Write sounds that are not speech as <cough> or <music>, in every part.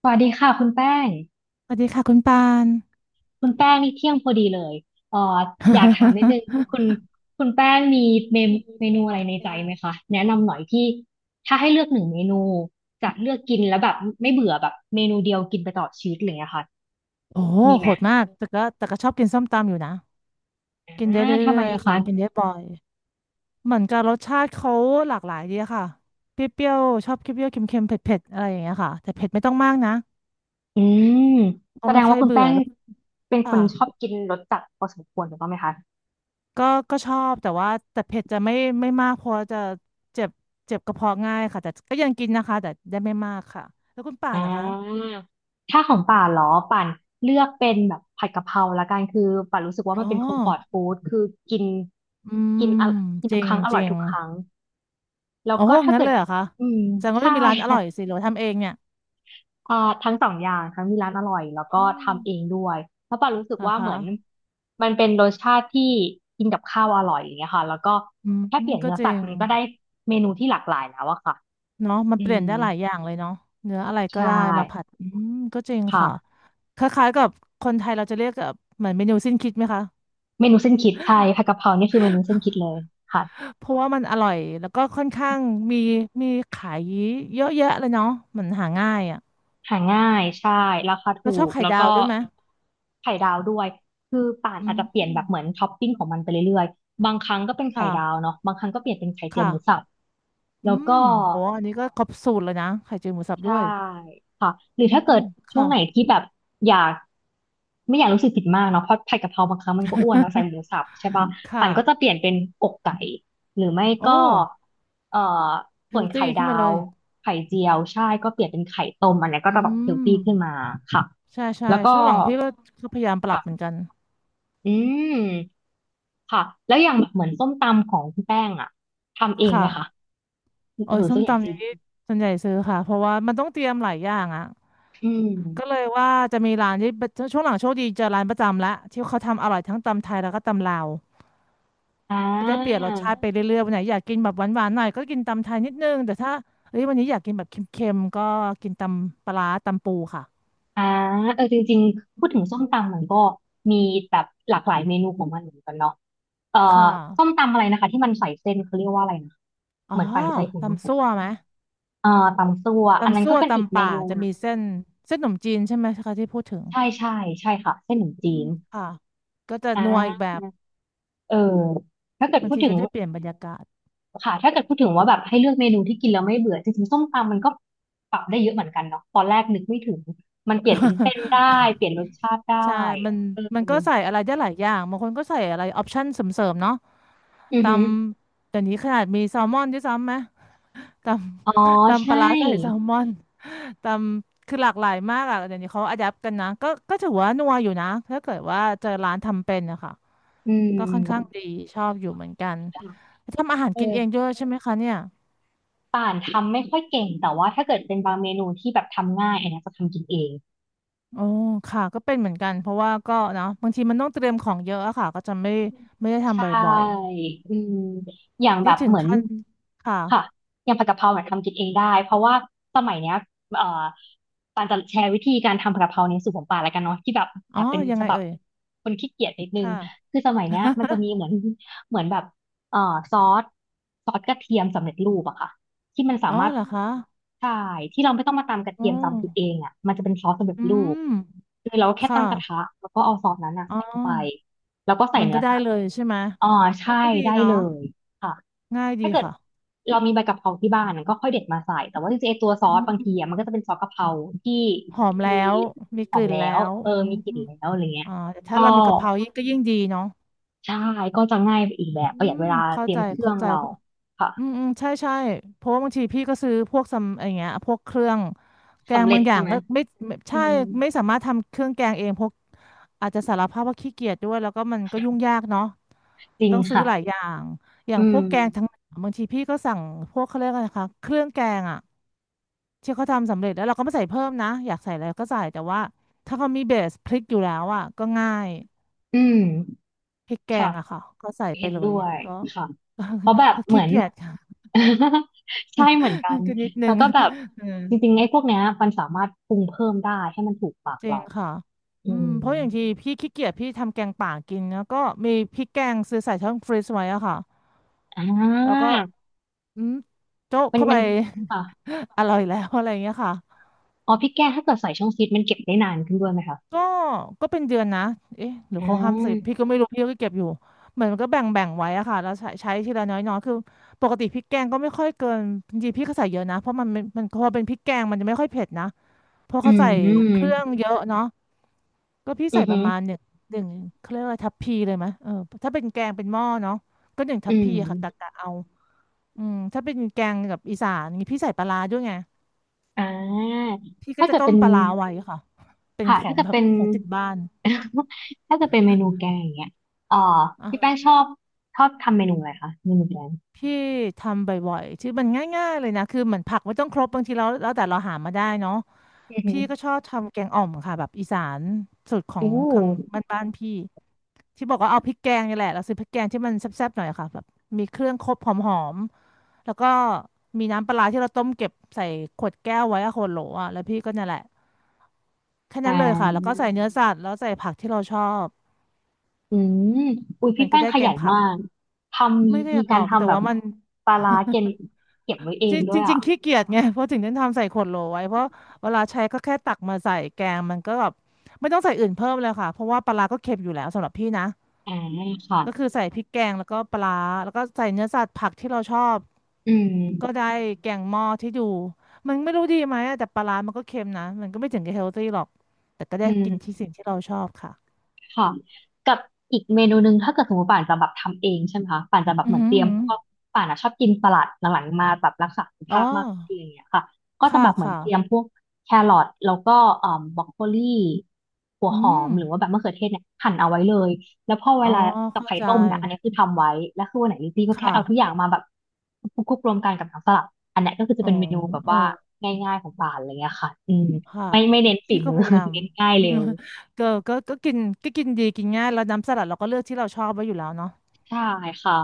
สวัสดีค่ะคุณแป้งสวัสดีค่ะคุณปาน คุณแป้งนี่เที่ยงพอดีเลยเอ่ออยากถามนิดนึงคุณ <laughs> คุณแป้งมีเมมเมนูอะไรในใจไหมคะแนะนำหน่อยที่ถ้าให้เลือกหนึ่งเมนูจะเลือกกินแล้วแบบไม่เบื่อแบบเมนูเดียวกินไปตลอดชีวิตอะไรอย่างเงี้ยค่ะโอ้โหมีไหมโหดมากแต่ก็ชอบกินส้มตำอยู่นะกินอ่าได้เทำไมรื่อยอะๆค่ะคะกินได้บ่อยเหมือนกับรสชาติเขาหลากหลายดีอะค่ะเปรี้ยวๆชอบเปรี้ยวๆเค็มๆเผ็ดๆอะไรอย่างเงี้ยค่ะแต่เผ็ดไม่ต้องมากนะอืมก็แสดไม่งค่ว่าอยคุณเบื่แป้องแล้วเป็นคค่ะนชอบกินรสจัดพอสมควรถูกต้องไหมคะ ก็ก็ชอบแต่ว่าแต่เผ็ดจะไม่มากเพราะจะเจ็บเจ็บกระเพาะง่ายค่ะแต่ก็ยังกินนะคะแต่ได้ไม่มากค่ะแล้วคุณป่าอ่นนะคะาถ้าของป่านเหรอป่านเลือกเป็นแบบผัดกะเพราละกันคือป่านรู้สึกว่าอ๋อมันเป็นคอมฟอร์ตฟู้ดคือกินอืกินมอะกินจทุริกคงรั้งอจร่อยริง ทุกครั้งแล้วโอ้ก็ถ้างั้นเกิเลดยเหรอคะอืมแสดงว่ารย์ก็ใช่ จะมีร้านอ <laughs> ร่อยค่ะสิหรือว่าทำเองเนี่ยอ่าทั้งสองอย่างทั้งมีร้านอร่อยแล้วอ๋อก็ทำเองด้วยแล้าะป่านรู้สึกเหรอว่าเหคะมือนมันเป็นรสชาติที่กินกับข้าวอร่อยอย่างเงี้ยค่ะแล้วก็อืมแค่เปลี่ยนก็เนื้อจสัริตว์งมันก็ได้เมนูที่หลากหลายแล้วอะค่ะเนาะมันอืเปลี่ยนมได้หลายอย่างเลยเนาะเนื้ออะไรก็ใช่ได้มาผัดอืมก็จริงค่ะค่ะ คล้ายๆกับคนไทยเราจะเรียกแบบเหมือนเมนูสิ้นคิดไหมคะเมนูเส้นคิดใช่ผัดกะเพรานี่คือเมนูเส้นคิดเลยค่ะเพราะว่ามันอร่อย แล้วก็ค่อนข้างมีมีขายเยอะแยะเลยเนาะมันหาง่ายอ่ะหาง่ายใช่ราคาเราถูชอบกไข่แล้วดาวก็ด้วยไหมไข่ดาวด้วย คือป่านอือาจจะเปลี่ยนแบบเหมือมนท็อปปิ้งของมันไปเรื่อยๆบางครั้งก็เป็นไข่ดาวค่ะเนาะบางครั้งก็เปลี่ยนเป็นไข่เจียวหมูค่ะสับอืแล้วมก็ โอ้อันนี้ก็ครบสูตรเลยนะไข่เจียวหมูสับด้ใช่วยค่ะหรืออืถ้าเกิดมช่วค่ะ งไหนที่แบบอยากไม่อยากรู้สึกผิดมากเนาะเพราะผัดกะเพราบางครั้งมันก็อ้วนเนาะใส่หมูสับใช่ป่ะปั่ค่ะนก็จะเปลี่ยนเป็นอกไก่หรือไม่โอ้ก็เอ่อเฮส่วลนไข่ตี้ขึ้ดานมาเลวยไข่เจียวใช่ก็เปลี่ยนเป็นไข่ต้มอันเนี้ยก็อืจะแบบเฮลตี้มขึ้นมาค่ะใช่ใช่แล้วก็ช่วงหลังพี่ก็พยายามปรับเหมือนค่ะกันอืมค่ะแล้วอย่างแบบเหมือนส้มตำของคุณแป้งอะทำเองไหมคะค่ะโอ้หยรือส้ส่วมนใหญ่ตำซื้อนี้ส่วนใหญ่ซื้อค่ะเพราะว่ามันต้องเตรียมหลายอย่างอ่ะอืก็เลมยว่าจะมีร้านที่ช่วงหลังโชคดีเจอร้านประจำละที่เขาทำอร่อยทั้งตำไทยแล้วก็ตำลาวอ่ก็ได้เปลี่ยนรสชาติา ไปเรื่อยๆวันไหนอยากกินแบบหวานๆหน่อยก็กินตำไทยนิดนึงแต่ถ้าเอ้ยวันนี้อยากกินแบบเค็มๆก็กินตำปลาร้าตำปูค่ะอ่าเออ จริงๆพูดถึงส้มตำมันก็มีแบบหลากหลายเมนูของมันเหมือนกันเนาะเอ่อค่ส้มะตำอะไรนะคะที่มันใส่เส้นเขาเรียกว่าอะไรนะอ๋อเหมือนปันเคยเห็นตำซั่วไหม ตำซั่วอันนั้ตำนซั่ก็วเป็นอีกตำเมป่านูจะมีเส้นเส้นขนมจีนใช่ไหมคะที่พูดถึงใช่ใช่ใช่ค่ะเส้นหนมี่อืจีมนค่ะก็จะนัวอีกอ่าแบบเออถ้าเกิดบางพูดทีถึก็งได้เปลี่ยนบรรยากาศ ค่ะถ้าเกิดพูดถึงว่าแบบให้เลือกเมนูที่กินแล้วไม่เบื่อจริงๆส้มตำมันก็ปรับได้เยอะเหมือนกันเนาะตอนแรกนึกไม่ถึงมันเปลี่ยนเป็นเส้นได้ <laughs> เปลี่ยนรสชาติได้ใช่มันเออก็ใส่อะไรได้หลายอย่างบางคนก็ใส่อะไรออปชั่นเสริมๆเนาะอืตอฮึ ำเดี๋ยวนี้ขนาดมีแซลมอนด้วยซ้ำไหมตอ๋อตำปใช่ลาร้าใส่แซลมอนตำคือหลากหลายมากอ่ะเดี๋ยวนี้เขาอะแดปกันนะก็ถือว่านัวอยู่นะถ้าเกิดว่าเจอร้านทำเป็นนะคะอืก็ค่อนข้างมดีชอบอยู่เหมือนกัน ทำอาหารเอกินเองด้อวยใช่ไหมคะเนี่ยป่านทำไม่ค่อยเก่งแต่ว่าถ้าเกิดเป็นบางเมนูที่แบบทำง่ายอันเนี้ยจะทำกินเอง โอ้ค่ะก็เป็นเหมือนกันเพราะว่าก็เนาะบางทีมันต้องเตรียมของเยอะอะค่ะก็จะไม่ได้ใชทำบ่อย่อืมอย่างๆ แบนี่บถึงเหมือนขั้นค่ะค่ะอย่างผัดกะเพราเนี่ยทำกินเองได้เพราะว่าสมัยเนี้ยเอ่อปานจะแชร์วิธีการทำผัดกะเพราในสูตรของปานแล้วกันเนาะที่แบบแออ๋อบเป็นยังฉไงบับเอ่ยคนขี้เกียจนิดนึงค่ะ คือสมัยเนี้ยมันจะ <laughs> มีเหมือนเหมือนแบบเอ่อซอสซอสกระเทียมสำเร็จรูปอะค่ะที่มันสาอ๋อมารถเหรอคะใช่ที่เราไม่ต้องมาตำกระอ๋อเทียมตำพริกเองอะมันจะเป็นซอสสำเร็จอืรูมปคือเราแค่ค่ะตั้งกระทะแล้วก็เอาซอสนั้นอะอ๋อใส่เข้าไปแล้วก็ใส่มันเนื้ก็อได้สัตเลว์ ยใช่ไหมอ๋ออ๋อใช่ก็ดีได้เนาะเลยค่ะง่ายดีถ้าเกิดค่ะเรามีใบกะเพราที่บ้านก็ค่อยเด็ดมาใส่แต่ว่าจริงๆไอ้ตัวซออืสบางทีอะมัมนก็จะเป็นซอสกะเพราที่หอมแล้มีวมีหกอมลิ่นแล้แล้ววเอออืมมีกลิ่นแล้วอะไรเงี้ยอ่าแต่ถ้าก็เรามีกะเพรายิ่งก็ยิ่งดีเนาะใช่ก็จะง่ายไปอีกแบบอืประหยัดมเวลาเข้าเตรียใจมเครื่อเข้างใจ เราค่ะอืมอืมใช่ใช่เพราะว่าบางทีพี่ก็ซื้อพวกซัมอะไรเงี้ยพวกเครื่องแกสำงเร็บาจงอย่าใช่งไหมก็ไม่อืใช่มไม่สามารถทำเครื่องแกงเองเพราะอาจจะสารภาพว่าขี้เกียจด้วยแล้วก็มันก็ยุ่งยากเนาะจริงต้องซื้อค่ะหลายอย่างอย่าอืงพมวกแกงทั้งบางทีพี่ก็สั่งพวกเขาเรียกอะไรนะคะเครื่องแกงอ่ะที่เขาทำสำเร็จแล้วเราก็ไม่ใส่เพิ่มนะอยากใส่อะไรก็ใส่แต่ว่าถ้าเขามีเบสพริกอยู่แล้วอ่ะก็ง่ายอืมพริกแกค่ะ งอะค่ะก็ใส่ไปเห็นเลด้ยวยก็ ค่ะ <laughs> ก็เพราะแบบก็เหมืขี้อน เกียจ <laughs> ใช่เหมือนกัน <laughs> ก็นิดนึแล้วง ก็แบบ <laughs> เออจริงๆไอ้พวกเนี้ยมันสามารถปรุงเพิ่มได้ให้มันถูกปากจริงเราค่ะอือืมมเพราะอย่างที่พี่ขี้เกียจพี่ทำแกงป่ากินแล้วก็มีพริกแกงซื้อใส่ช่องฟรีซไว้อะค่ะอ่แล้วก็าอืมโจ๊ะเข้าไป มันค่ะ <laughs> อร่อยแล้วอะไรอย่างเงี้ยค่ะอ๋อพี่แก้ถ้าเกิดใส่ช่องฟีดมันเก็บได้นานขึ้นด้วยไหมคะก็ก็เป็นเดือนนะเอ๊ะหรืออ่เขาห้ามใส่าพี่ก็ไม่รู้พี่ก็เก็บอยู่เหมือนมันก็แบ่งไว้อะค่ะแล้วใช้ทีละน้อยๆคือปกติพริกแกงก็ไม่ค่อยเกินจริงๆพี่ก็ใส่เยอะนะเพราะมันพอเป็นพริกแกงมันจะไม่ค่อยเผ็ดนะเพราะอืเขาใส่เครื่มองเยอะเนาะ ก็พี่อืใส่อปหืระอมาณหนึ่งเขาเรียกว่าทัพพีเลยไหมเออถ้าเป็นแกงเป็นหม้อเนาะก็หนึ่งทัอืพมพีค่ะกะเอาอืมถ้าเป็นแกงกับอีสานนี่พี่ใส่ปลาร้าด้วยไงอ่าพี่ก็ถ้าจะเกิดต้เป็มนปลาร้าไว้ค่ะเป็นค่ะขอถ้างเกิดแบบเป็น ของติดบ้าน <laughs> ถ้าเกิดเป็นเมนูแกงอย่างเงี้ยเอ่ออ่าพี่ฮะแป้งชอบชอบทำเมนูอะไรคะเมนูแกง พี่ทำบ่อยๆชื่อมันง่ายๆเลยนะคือเหมือนผักไม่ต้องครบบางทีเราแล้วแต่เราหามาได้เนาะอือหือพี่ก็ชอบทำแกงอ่อมค่ะแบบอีสานสูตรขออู้งทางบ้านๆพี่ที่บอกว่าเอาพริกแกงนี่แหละเราซื้อพริกแกงที่มันแซ่บๆหน่อยค่ะแบบมีเครื่องครบหอม แล้วก็มีน้ำปลาร้าที่เราต้มเก็บใส่ขวดแก้วไว้อะขวดโหลอะแล้วพี่ก็เนี่ยแหละแค่อ่นั้นเลยค่ะ แล้วก็าใส่เนื้อสัตว์แล้วใส่ผักที่เราชอบอืมอุ้ยมัพี่นก็แป้งได้ขแกยังนผักมากทำมีไม่ได้มีหรกาอรกแต่ทำแบบว่ามันปลาร้าเก็บเก็บไว้เอจรงด้วยิงจริอ่ะงๆขี้เกียจไงเพราะถึงได้ทำใส่ขวดโหลไว้เพราะเวลาใช้ก็แค่ตักมาใส่แกงมันก็แบบไม่ต้องใส่อื่นเพิ่มเลยค่ะเพราะว่าปลาร้าก็เค็มอยู่แล้วสำหรับพี่นะ อ่าค่ะก็คือใส่พริกแกงแล้วก็ปลาร้าแล้วก็ใส่เนื้อสัตว์ผักที่เราชอบอืก็มได้แกงหม้อที่ดูมันไม่รู้ดีไหมอะแต่ปลาร้ามันก็เค็มนะมันก็ไม่ถึงกับเฮลตี้หรอกแต่ก็อืได้ม กินที่สิ่งที่เราชอบค่ะค่ะกับอีกเมนูหนึ่งถ้าเกิดสมมติป่านจะแบบทำเองใช่ไหมคะป่านจะแบบอือเหมือนหืเตอรียมหือพวกป่านอะชอบกินสลัดหลังๆมาแบบรักษาสุขอ๋อภาพมากขึ้นอะไรอย่างเงี้ยค่ะก็จะค่ะแบบเหมือนค่ะเตรียมพวกแครอทแล้วก็เอ่อบรอกโคลีหัวอืหอมมหรือว่าแบบมะเขือเทศเนี่ยหั่นเอาไว้เลยแล้วพอเวอ๋อลากับเข้าไข่ใจต้มเนี่ยอันนี้คือทำไว้แล้วคือวันไหนลิซี่ก็คแค่เอาทุกอ่ะย่างมาแบบคลุกๆรวมกันกับน้ำสลัดอันเนี้ยก็คือจะอ๋อเป็นเมนูแบบเออว่าง่ายๆของป่านอะไรเงี้ยค่ะอืมค่ะไม่ไม่เน้นฝีพี่ก็มือ พยายา <laughs> ม เน้นง่าย <laughs> อืเร็มว ก็กินก็กินดีกินง่ายแล้วน้ำสลัดเราก็เลือกที่เราชอบไว้อยู่แล้วเนาะใช่ค่ะ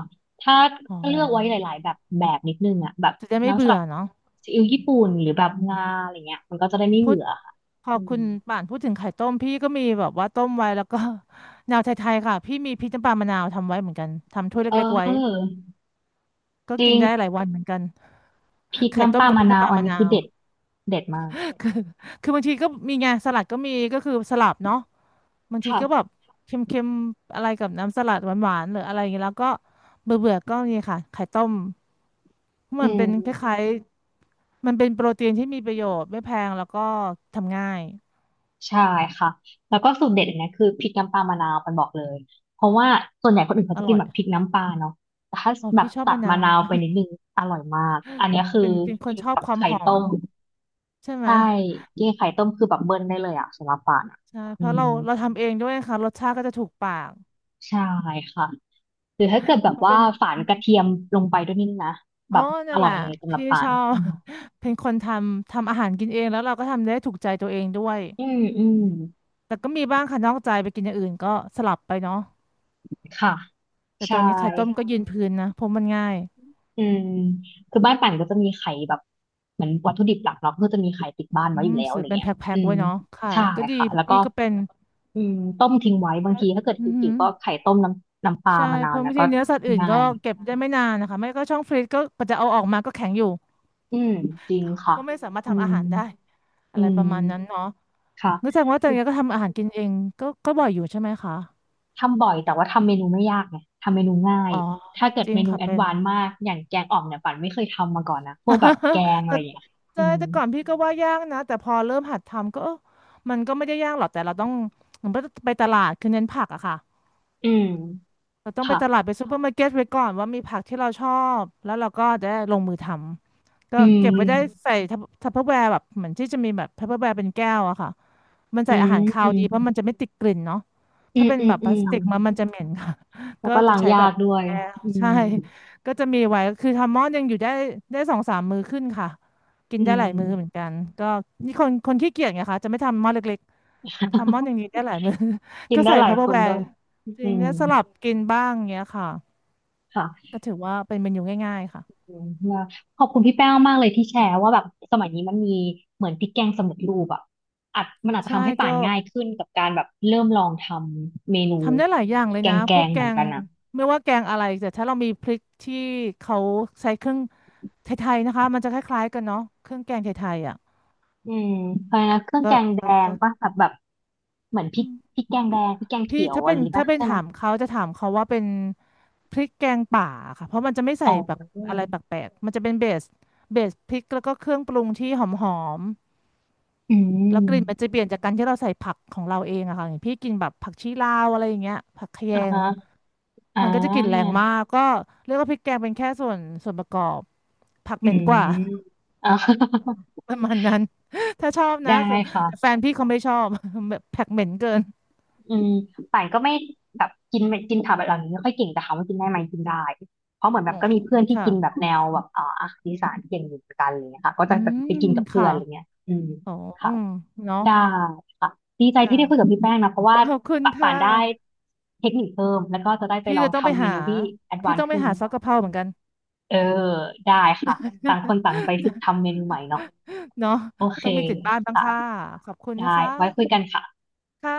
ถ้าอ๋ก็เลือกไว้หอลายๆแบบแบบนิดนึงอ่ะแบบจะได้ไม่น้ำสเบื่อลัดเนาะซีอิ๊วญี่ปุ่นหรือแบบงาอะไรเงี้ยมันก็จะได้ไม่พูด เบื่อค่ะพออืคุมณป่านพูดถึงไข่ต้มพี่ก็มีแบบว่าต้มไว้แล้วก็ <laughs> แนวไทยๆค่ะพี่มีพริกน้ำปลามะนาวทำไว้เหมือนกันทำถ้วยเเล็กๆไว้ออก็จริกินงได้หลายวันเหมือนกันพริกไข่น้ำต้ปมลากับพมะริกนาน้ำปวลาอันมะนี้นาคือวเด็ดเด็ดมากคือบางทีก็มีไงสลัดก็มีก็คือสลับเนาะบางทีก็แบบค่ะเค็มๆอะไรกับน้ำสลัดหวานๆหรืออะไรอย่างเงี้ยแล้วก็เบื่อๆก็นี่ค่ะไข่ต้มอืมันเป็นคม ล้ายๆมันเป็นโปรตีนที่มีประโยชน์ไม่แพงแล้วก็ทำง่ายใช่ค่ะแล้วก็สูตรเด็ดอันเนี้ยคือพริกน้ำปลามะนาวปันบอกเลย เพราะว่าส่วนใหญ่คนอื่นเขาอจะกิร่นอยแบบพริกน้ำปลาเนาะแต่ถ้าอ๋อแบบพี่ชอบตัดมะนามะว นาวไปนิดนึงอร่อยมากอันเนี้ย <laughs> คือเป็นคกินนชอบกับความไข่หอต้มมใช่ไหม ใช่กินไข่ต้มคือแบบเบิ้ลได้เลยอะสำหรับปานอะใช่เพอืราะเรามเราทำเองด้วยค่ะรสชาติก็จะถูกปากใช่ค่ะหรือถ้าเกิดแบเพบราะว่าเป็นฝานกระเทียมลงไปด้วยนิดนะแบอ๋อบอนั่นร่แหอยละเลยสำหรับพี่ปาชนออืบ ม <laughs> เป็นคนทำอาหารกินเองแล้วเราก็ทำได้ถูกใจตัวเองด้วยอืมอืมแต่ก็มีบ้างค่ะนอกใจไปกินอย่างอื่นก็สลับไปเนาะค่ะแต่ตใช่ อนนี้ไข่ต้มก็ยืนพื้นนะเพราะมันง่ายอืมคือบ้านป่านก็จะมีไข่แบบเหมือนวัตถุดิบหลักเราก็จะมีไข่ติดบ้านอืไว้อมยู่แล้วอะซื้อไรเป็นเงี้แพย็อืคๆมไว้เนาะค่ะใช่ก็ดีค่ะเพแล้วราะก็พี่ก็เป็นอืมต้มทิ้งไว้บางทีถ้าเกิดอือหืหิวอๆก็ไข่ต้มน้ำปลาใช่มะนาเพวราะเนี่บายงทีก็เนื้อสัตว์อื่นง่าก็ย เก็บได้ไม่นานนะคะไม่ก็ช่องฟรีซก็จะเอาออกมาก็แข็งอยู่อืมจริงค่ะก็ไม่สามารถอืทำอามหารได้อือะไรประมาณนั้นมเนาะ ค่ะ รู้จักว่าจากเนี้ยก็ทำอาหารกินเองก็บ่อยอยู่ใช่ไหมคะทำบ่อยแต่ว่าทำเมนูไม่ยากไงทำเมนูง่ายอ๋อถ้าเกิดจริเมงนูค่ะแอดเป็น วานซ์มากอย่างแกงอ่อมเนี่ยป่านไม่เคยทำมาก่อนนะพวกแบบแก <laughs> งอะแต่ไรอย่างเงี้ยอืใช่มแต่ก่อนพี่ก็ว่ายากนะแต่พอเริ่มหัดทำก็เออมันก็ไม่ได้ยากหรอกแต่เราต้องเหมือนไปตลาดคือเน้นผักอะค่ะอืมเราต้องไปตลาค่ะดไปซูเปอร์มาร์เก็ตไว้ก่อนว่ามีผักที่เราชอบแล้วเราก็จะได้ลงมือทำก็อืเก็ม บไว้ได้ใส่ทัพเปอร์แวร์แบบเหมือนที่จะมีแบบทัพเปอร์แวร์เป็นแก้วอะค่ะ มันอืใส่อาหารคาวดีเพมราะมันจะไม่ติดกลิ่นเนาะอืถ้ามเป็นอืมแบบพอืลาสมติกมันจะเหม็นค่ะ <laughs> แล้ก็วก็จะล้างใช้แบยาบกด้วยแอร์อืใช่ ม <laughs> ก็จะมีไว้คือทำหม้อดยังอยู่ได้ได้สองสามมื้อขึ้นค่ะกินอืได้หลายมื้อเหมือนมกันก็นี่คนขี้เกียจไงคะจะไม่ทำหม้อเล็กๆทำหม้ออย่างนี้ได้หลายมื้อ <laughs> กินก็ได้ใส่หลาทัยพเปอคร์นแวด้ร์วยจริอืงมได้สลับกินบ้างเงี้ยค่ะค่ะก็ถือว่าเป็นเมนูง่ายๆค่ะอืมแล้วขอบคุณพี่แป้งมากเลยที่แชร์ว่าแบบสมัยนี้มันมีเหมือนพริกแกงสำเร็จรูปอ่ะอาจมันอาจจะใช่ทำให้ป่าก็ นง่ายขึ้นกับการแบบเริ่มลองทำเมนูทำได้หลายอย่างเลยแกนะงแกพวกงแกเหมือนงกันนะไม่ว่าแกงอะไรแต่ถ้าเรามีพริกที่เขาใช้เครื่องไทยๆนะคะมันจะคล้ายๆกันเนาะเครื่องแกงไทยๆอ่ะอืมเพราะฉะนั้นเครื่องก็แกงแดก็งก็ป่ะแบบแบบเหมือนพอืริกมพริกแกงแดพี่งพริกแกงพี่เขียวถ้าอะเป็ไรนนี้ถ้าป่ะเป็นใช่ไหมถามเขาจะถามเขาว่าเป็นพริกแกงป่าค่ะเพราะมันจะไม่ใส่อ๋อแบบอะไรแปลกๆมันจะเป็นเบสเบสพริกแล้วก็เครื่องปรุงที่หอมอืๆแล้วกลิ่นมมันจะเปลี่ยนจากการที่เราใส่ผักของเราเองอะค่ะอย่างพี่กินแบบผักชีลาวอะไรอย่างเงี้ยผักคะอมแยง ฮะ อ่ามันก็จะกลิ่นแรงมากก็เรียกว่าพริกแกงเป็นแค่ส่วนประกอบผักเหอืม็นกมว่า อ่า <laughs> <laughs> ประมาณนั้น <laughs> ถ้าชอบได้นะคือแต่แฟค่ะนพี่เขาไม่ชอบ <laughs> แบบผักเหม็นเกินอืมป่านก็ไม่แบบกินไม่กินผักแบบเหล่านี้ไม่ค่อยเก่งแต่ถามว่ากินได้ไหมกินได้ เพราะเหมือนแบอ๋บอก็มีเพื่อนที่ค่ะกินแบบแนวแบบอาหารอีสานเก่งอยู่เหมือนกันอะไรเลยค่ะก็อืจะแบบมไปกินกับเพื่อค่ะนอะไรเงี้ยอืมอ๋ออืค่ะมเนาะได้ค่ะดีใจคที่ได้คุยกับ่ะพี่แป้งนะเพราะว่าขอบคุณป่าป่าค่ะนได้เทคนิคเพิ่มแล้วก็จะได้ไปพี่ลอจะงต้องไปทำเมหานูที่แอดวาพี่นต้อซ์งไปขึ้นหาซอกกะเพราเหมือนกัน เออได้ค่ะต่างคนต่างไปฝึกทำ <laughs> เมนูใหม่เนาะ เนาะโอเคต้องมีติดบ้านบ้างค่ะค่ะขอบคุณได้นะคไว้คุยะกันค่ะค่ะ